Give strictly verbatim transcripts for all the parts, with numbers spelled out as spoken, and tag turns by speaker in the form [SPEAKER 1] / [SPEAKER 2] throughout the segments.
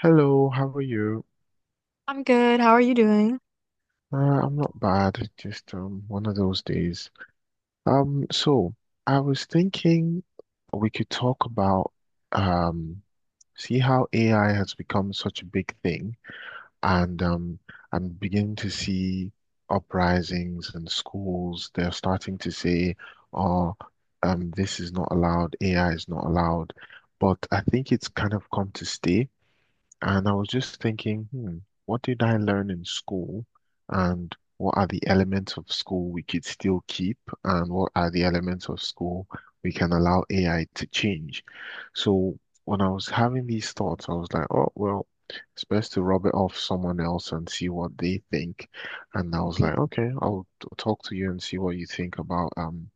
[SPEAKER 1] Hello, how are you?
[SPEAKER 2] I'm good. How are you doing?
[SPEAKER 1] Uh, I'm not bad. It's just um, one of those days. Um, so I was thinking we could talk about um, see how A I has become such a big thing, and um, I'm beginning to see uprisings and schools. They're starting to say, "Oh, um, this is not allowed. A I is not allowed." But I think it's kind of come to stay. And I was just thinking, hmm, what did I learn in school? And what are the elements of school we could still keep? And what are the elements of school we can allow A I to change? So when I was having these thoughts, I was like, oh, well, it's best to rub it off someone else and see what they think. And I was
[SPEAKER 2] Mm,
[SPEAKER 1] like, okay, I'll t- talk to you and see what you think about um,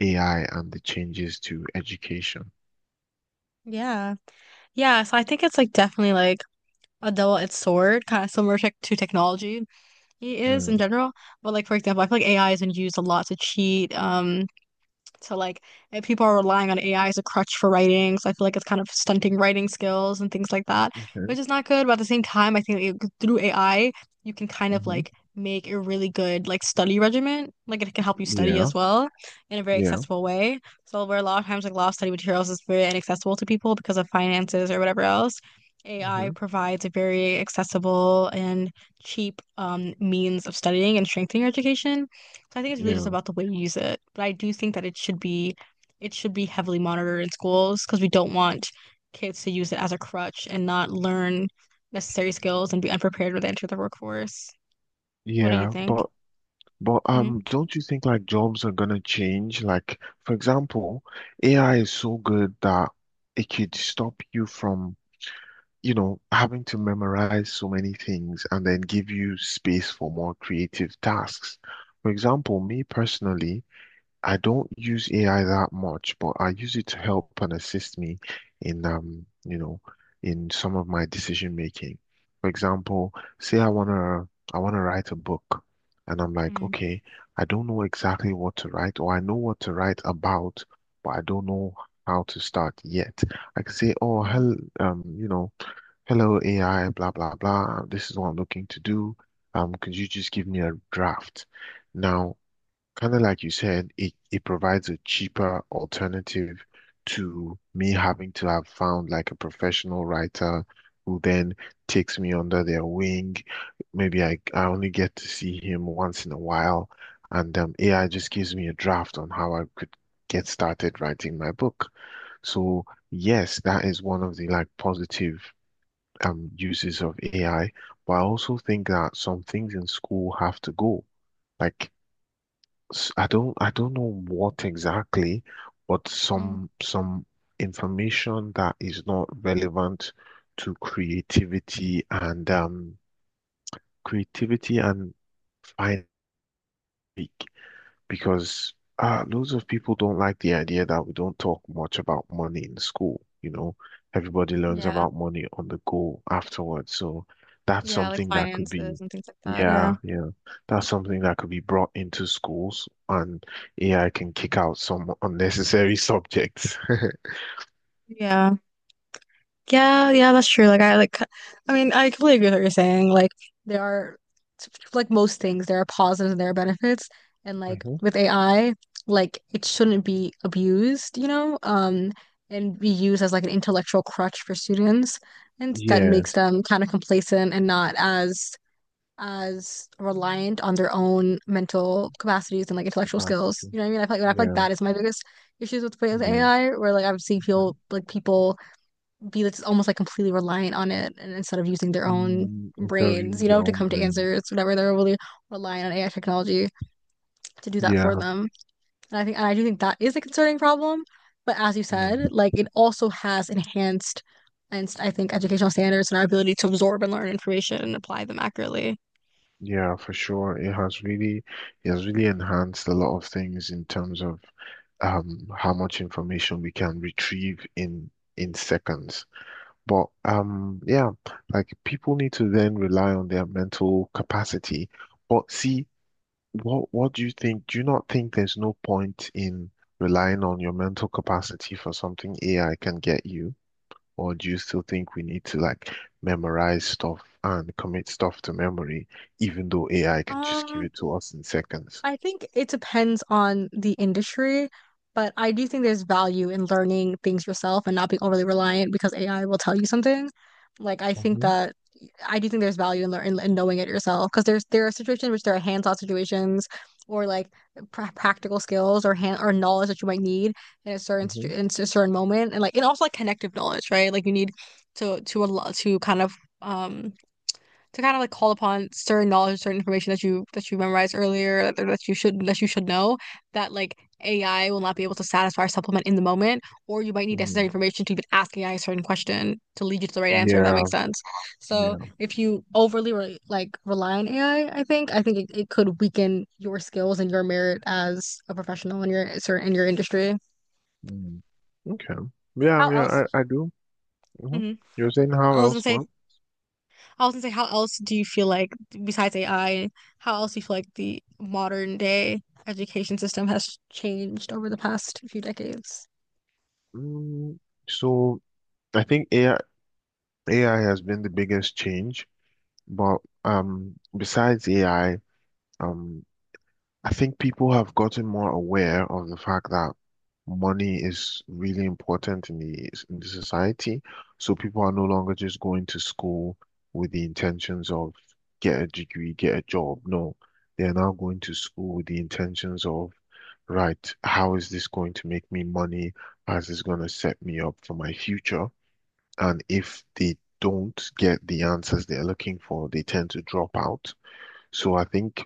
[SPEAKER 1] A I and the changes to education.
[SPEAKER 2] yeah. Yeah. So I think it's like definitely like a double-edged sword, kind of similar tech to technology it is in
[SPEAKER 1] Hmm.
[SPEAKER 2] general. But like for example, I feel like A I is been used a lot to cheat. Um, So like if people are relying on A I as a crutch for writing, so I feel like it's kind of stunting writing skills and things like that, which
[SPEAKER 1] Okay.
[SPEAKER 2] is not good. But at the same time, I think like, through A I, you can kind of
[SPEAKER 1] Hmm.
[SPEAKER 2] like make a really good like study regimen. Like it can help you study
[SPEAKER 1] Yeah,
[SPEAKER 2] as well in a very
[SPEAKER 1] yeah,
[SPEAKER 2] accessible way. So where a lot of times like a lot of study materials is very inaccessible to people because of finances or whatever else. A I
[SPEAKER 1] hmm,
[SPEAKER 2] provides a very accessible and cheap um, means of studying and strengthening your education. So I think it's really just
[SPEAKER 1] yeah.
[SPEAKER 2] about the way you use it. But I do think that it should be it should be heavily monitored in schools because we don't want kids to use it as a crutch and not learn necessary skills and be unprepared when they enter the workforce. What do you
[SPEAKER 1] Yeah,
[SPEAKER 2] think?
[SPEAKER 1] but but
[SPEAKER 2] Hmm.
[SPEAKER 1] um, don't you think like jobs are gonna change? Like, for example, A I is so good that it could stop you from, you know, having to memorize so many things and then give you space for more creative tasks. For example, me personally, I don't use A I that much, but I use it to help and assist me in um, you know, in some of my decision making. For example, say I wanna I wanna write a book and I'm like,
[SPEAKER 2] Mm.
[SPEAKER 1] okay, I don't know exactly what to write, or I know what to write about, but I don't know how to start yet. I can say, oh,
[SPEAKER 2] Mm.
[SPEAKER 1] hell, um, you know, hello A I, blah blah blah. This is what I'm looking to do. Um, could you just give me a draft? Now, kind of like you said, it, it provides a cheaper alternative to me having to have found like a professional writer who then takes me under their wing. Maybe I, I only get to see him once in a while, and um, A I just gives me a draft on how I could get started writing my book. So yes, that is one of the like positive um uses of A I, but I also think that some things in school have to go. Like s- I don't I don't know what exactly, but
[SPEAKER 2] Mm.
[SPEAKER 1] some some information that is not relevant to creativity and um creativity and fine because uh, loads of people don't like the idea that we don't talk much about money in school. You know, everybody learns
[SPEAKER 2] Yeah.
[SPEAKER 1] about money on the go afterwards. So that's
[SPEAKER 2] Yeah, like
[SPEAKER 1] something that could be,
[SPEAKER 2] finances and things like that.
[SPEAKER 1] yeah,
[SPEAKER 2] Yeah.
[SPEAKER 1] yeah, that's something that could be brought into schools, and A I can kick out some unnecessary subjects.
[SPEAKER 2] Yeah. Yeah, yeah, that's true. Like I like I mean, I completely agree with what you're saying. Like there are, like most things, there are positives and there are benefits. And like
[SPEAKER 1] Hmm.
[SPEAKER 2] with A I, like it shouldn't be abused, you know, um, and be used as like an intellectual crutch for students. And that
[SPEAKER 1] Yeah,
[SPEAKER 2] makes them kind of complacent and not as as reliant on their own mental capacities and like intellectual skills.
[SPEAKER 1] capacity.
[SPEAKER 2] You know what I mean? I feel like, I feel like
[SPEAKER 1] Yeah,
[SPEAKER 2] that is my biggest issues with with
[SPEAKER 1] yeah,
[SPEAKER 2] A I, where like I've seen
[SPEAKER 1] yeah.
[SPEAKER 2] people like people be that's almost like completely reliant on it, and instead of using their own
[SPEAKER 1] Mm, it's of
[SPEAKER 2] brains, you
[SPEAKER 1] your
[SPEAKER 2] know, to
[SPEAKER 1] own
[SPEAKER 2] come to
[SPEAKER 1] brain.
[SPEAKER 2] answers, whatever. They're really relying on A I technology to do that for
[SPEAKER 1] Yeah.
[SPEAKER 2] them. And I think, and I do think that is a concerning problem. But as you
[SPEAKER 1] Mm.
[SPEAKER 2] said, like it also has enhanced, and I think, educational standards and our ability to absorb and learn information and apply them accurately.
[SPEAKER 1] Yeah, for sure. It has really, it has really enhanced a lot of things in terms of um how much information we can retrieve in in seconds. But um yeah, like people need to then rely on their mental capacity. But see, what what do you think? Do you not think there's no point in relying on your mental capacity for something A I can get you? Or do you still think we need to like memorize stuff and commit stuff to memory, even though A I can just give
[SPEAKER 2] Um,
[SPEAKER 1] it to us in seconds?
[SPEAKER 2] I think it depends on the industry, but I do think there's value in learning things yourself and not being overly reliant because A I will tell you something. Like I think
[SPEAKER 1] Mm-hmm,
[SPEAKER 2] that I do think there's value in learning in in knowing it yourself, because there's there are situations in which there are hands-on situations or like pra practical skills or hand or knowledge that you might need in a certain situ-
[SPEAKER 1] mm-hmm.
[SPEAKER 2] in a certain moment, and like, and also like connective knowledge, right? Like you need to to a lot to kind of um to kind of like call upon certain knowledge, certain information that you that you memorized earlier, that, that you should that you should know, that like A I will not be able to satisfy or supplement in the moment, or you might need necessary
[SPEAKER 1] Hmm.
[SPEAKER 2] information to even ask A I a certain question to lead you to the right answer, if that
[SPEAKER 1] Yeah,
[SPEAKER 2] makes sense. So
[SPEAKER 1] yeah.
[SPEAKER 2] if you overly re like rely on A I, I I think I think it, it could weaken your skills and your merit as a professional in your certain in your industry.
[SPEAKER 1] Mm, okay.
[SPEAKER 2] How
[SPEAKER 1] Yeah,
[SPEAKER 2] else?
[SPEAKER 1] yeah, I, I do. Hmm.
[SPEAKER 2] Mhm.
[SPEAKER 1] You're saying how
[SPEAKER 2] I was gonna
[SPEAKER 1] else?
[SPEAKER 2] say
[SPEAKER 1] Well,
[SPEAKER 2] I was gonna say, how else do you feel like, besides A I, how else do you feel like the modern day education system has changed over the past few decades?
[SPEAKER 1] mm, so I think A I A I has been the biggest change, but um, besides A I, um, I think people have gotten more aware of the fact that money is really important in the in the society. So people are no longer just going to school with the intentions of get a degree, get a job. No, they are now going to school with the intentions of, right, how is this going to make me money? How is this going to set me up for my future? And if they don't get the answers they're looking for, they tend to drop out. So I think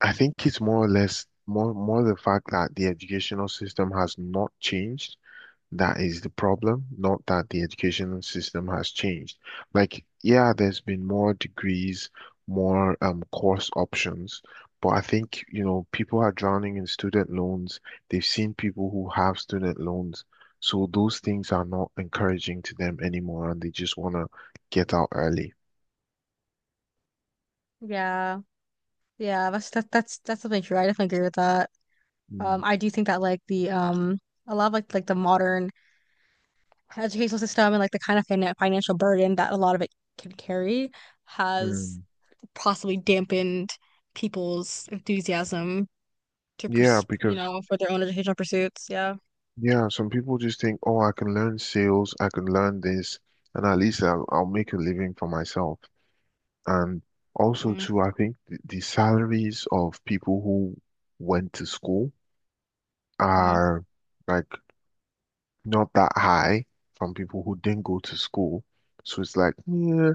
[SPEAKER 1] I think it's more or less more more the fact that the educational system has not changed. That is the problem, not that the educational system has changed. Like, yeah, there's been more degrees, more um course options, but I think, you know, people are drowning in student loans. They've seen people who have student loans, so those things are not encouraging to them anymore, and they just want to get out early.
[SPEAKER 2] Yeah, yeah, that's that, that's that's definitely true. I definitely agree with that.
[SPEAKER 1] Mm,
[SPEAKER 2] Um, I do think that like the um a lot of like like the modern educational system and like the kind of fin financial burden that a lot of it can carry has
[SPEAKER 1] mm.
[SPEAKER 2] possibly dampened people's enthusiasm to,
[SPEAKER 1] Yeah,
[SPEAKER 2] pers you
[SPEAKER 1] because
[SPEAKER 2] know, for their own educational pursuits. Yeah.
[SPEAKER 1] yeah, some people just think, oh, I can learn sales, I can learn this, and at least I'll, I'll make a living for myself. And also, too, I think the, the salaries of people who went to school
[SPEAKER 2] Mm-hmm.
[SPEAKER 1] are like not that high from people who didn't go to school. So it's like, yeah,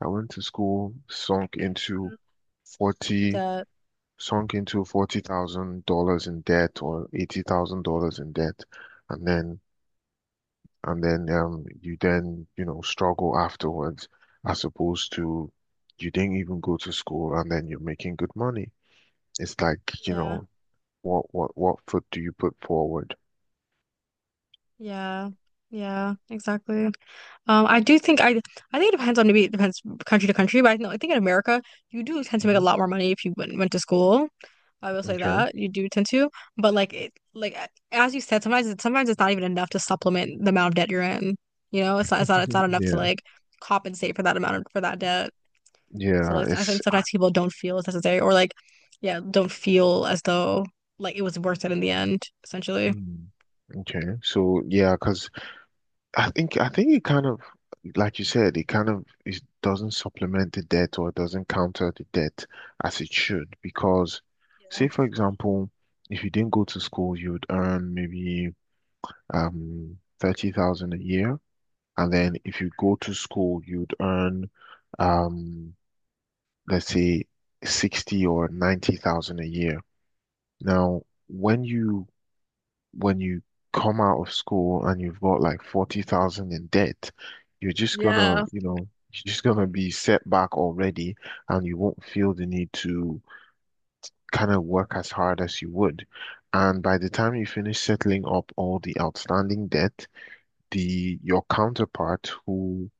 [SPEAKER 1] I went to school, sunk into
[SPEAKER 2] It
[SPEAKER 1] 40,
[SPEAKER 2] does.
[SPEAKER 1] sunk into forty thousand dollars in debt or eighty thousand dollars in debt, and then and then um you then you know struggle afterwards as opposed to you didn't even go to school and then you're making good money. It's like, you
[SPEAKER 2] Yeah,
[SPEAKER 1] know, what what what foot do you put forward?
[SPEAKER 2] yeah, yeah, exactly. Um, I do think I I think it depends, on maybe it depends country to country, but I, know, I think in America you do tend to make a
[SPEAKER 1] Hmm.
[SPEAKER 2] lot more money if you went went to school. I will say
[SPEAKER 1] Okay.
[SPEAKER 2] that you do tend to, but like it like a- as you said, sometimes it, sometimes it's not even enough to supplement the amount of debt you're in. You know, it's not it's not it's not
[SPEAKER 1] Mhm.
[SPEAKER 2] enough to
[SPEAKER 1] Yeah.
[SPEAKER 2] like compensate for that amount of, for that debt. So
[SPEAKER 1] Yeah,
[SPEAKER 2] like I think
[SPEAKER 1] it's
[SPEAKER 2] sometimes people don't feel it's necessary or like, yeah, don't feel as though like it was worth it in the end essentially.
[SPEAKER 1] hmm, okay. So yeah, because I think I think it kind of like you said, it kind of it doesn't supplement the debt or it doesn't counter the debt as it should because say for example, if you didn't go to school, you would earn maybe um thirty thousand a year. And then if you go to school, you'd earn um let's say sixty or ninety thousand a year. Now, when you when you come out of school and you've got like forty thousand in debt, you're just gonna,
[SPEAKER 2] Yeah,
[SPEAKER 1] you know, you're just gonna be set back already and you won't feel the need to kind of work as hard as you would. And by the time you finish settling up all the outstanding debt, the your counterpart who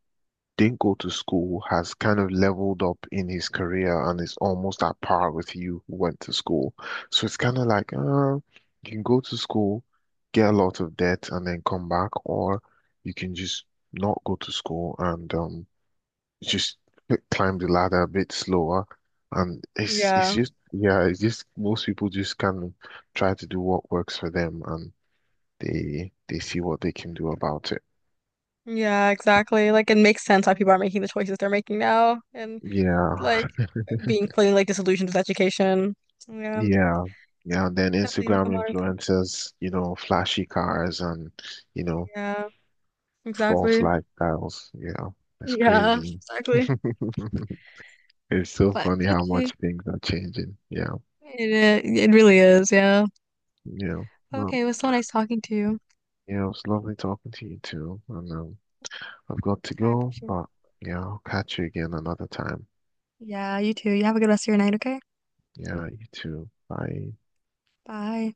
[SPEAKER 1] didn't go to school has kind of leveled up in his career and is almost at par with you who went to school. So it's kind of like, uh, you can go to school, get a lot of debt, and then come back, or you can just not go to school and um just climb the ladder a bit slower. And it's it's
[SPEAKER 2] yeah,
[SPEAKER 1] just yeah, it's just most people just kind of try to do what works for them and they they see what they can do about it.
[SPEAKER 2] yeah, exactly. Like it makes sense why people are making the choices they're making now, and
[SPEAKER 1] Yeah.
[SPEAKER 2] like being fully like disillusioned with education. Yeah,
[SPEAKER 1] Yeah. Yeah. And then
[SPEAKER 2] definitely like a
[SPEAKER 1] Instagram
[SPEAKER 2] modern thing.
[SPEAKER 1] influencers, you know, flashy cars and, you know,
[SPEAKER 2] Yeah,
[SPEAKER 1] false
[SPEAKER 2] exactly.
[SPEAKER 1] lifestyles. Yeah. It's
[SPEAKER 2] Yeah,
[SPEAKER 1] crazy.
[SPEAKER 2] exactly.
[SPEAKER 1] It's so
[SPEAKER 2] But
[SPEAKER 1] funny how
[SPEAKER 2] okay.
[SPEAKER 1] much things are changing. Yeah.
[SPEAKER 2] It, uh, it really is, yeah.
[SPEAKER 1] Yeah. Well,
[SPEAKER 2] Okay, it was so nice talking to you.
[SPEAKER 1] yeah, it was lovely talking to you too. And um, I've got to
[SPEAKER 2] I
[SPEAKER 1] go,
[SPEAKER 2] appreciate it.
[SPEAKER 1] but yeah, I'll catch you again another time.
[SPEAKER 2] Yeah, you too. You have a good rest of your night, okay?
[SPEAKER 1] Yeah, you too. Bye.
[SPEAKER 2] Bye.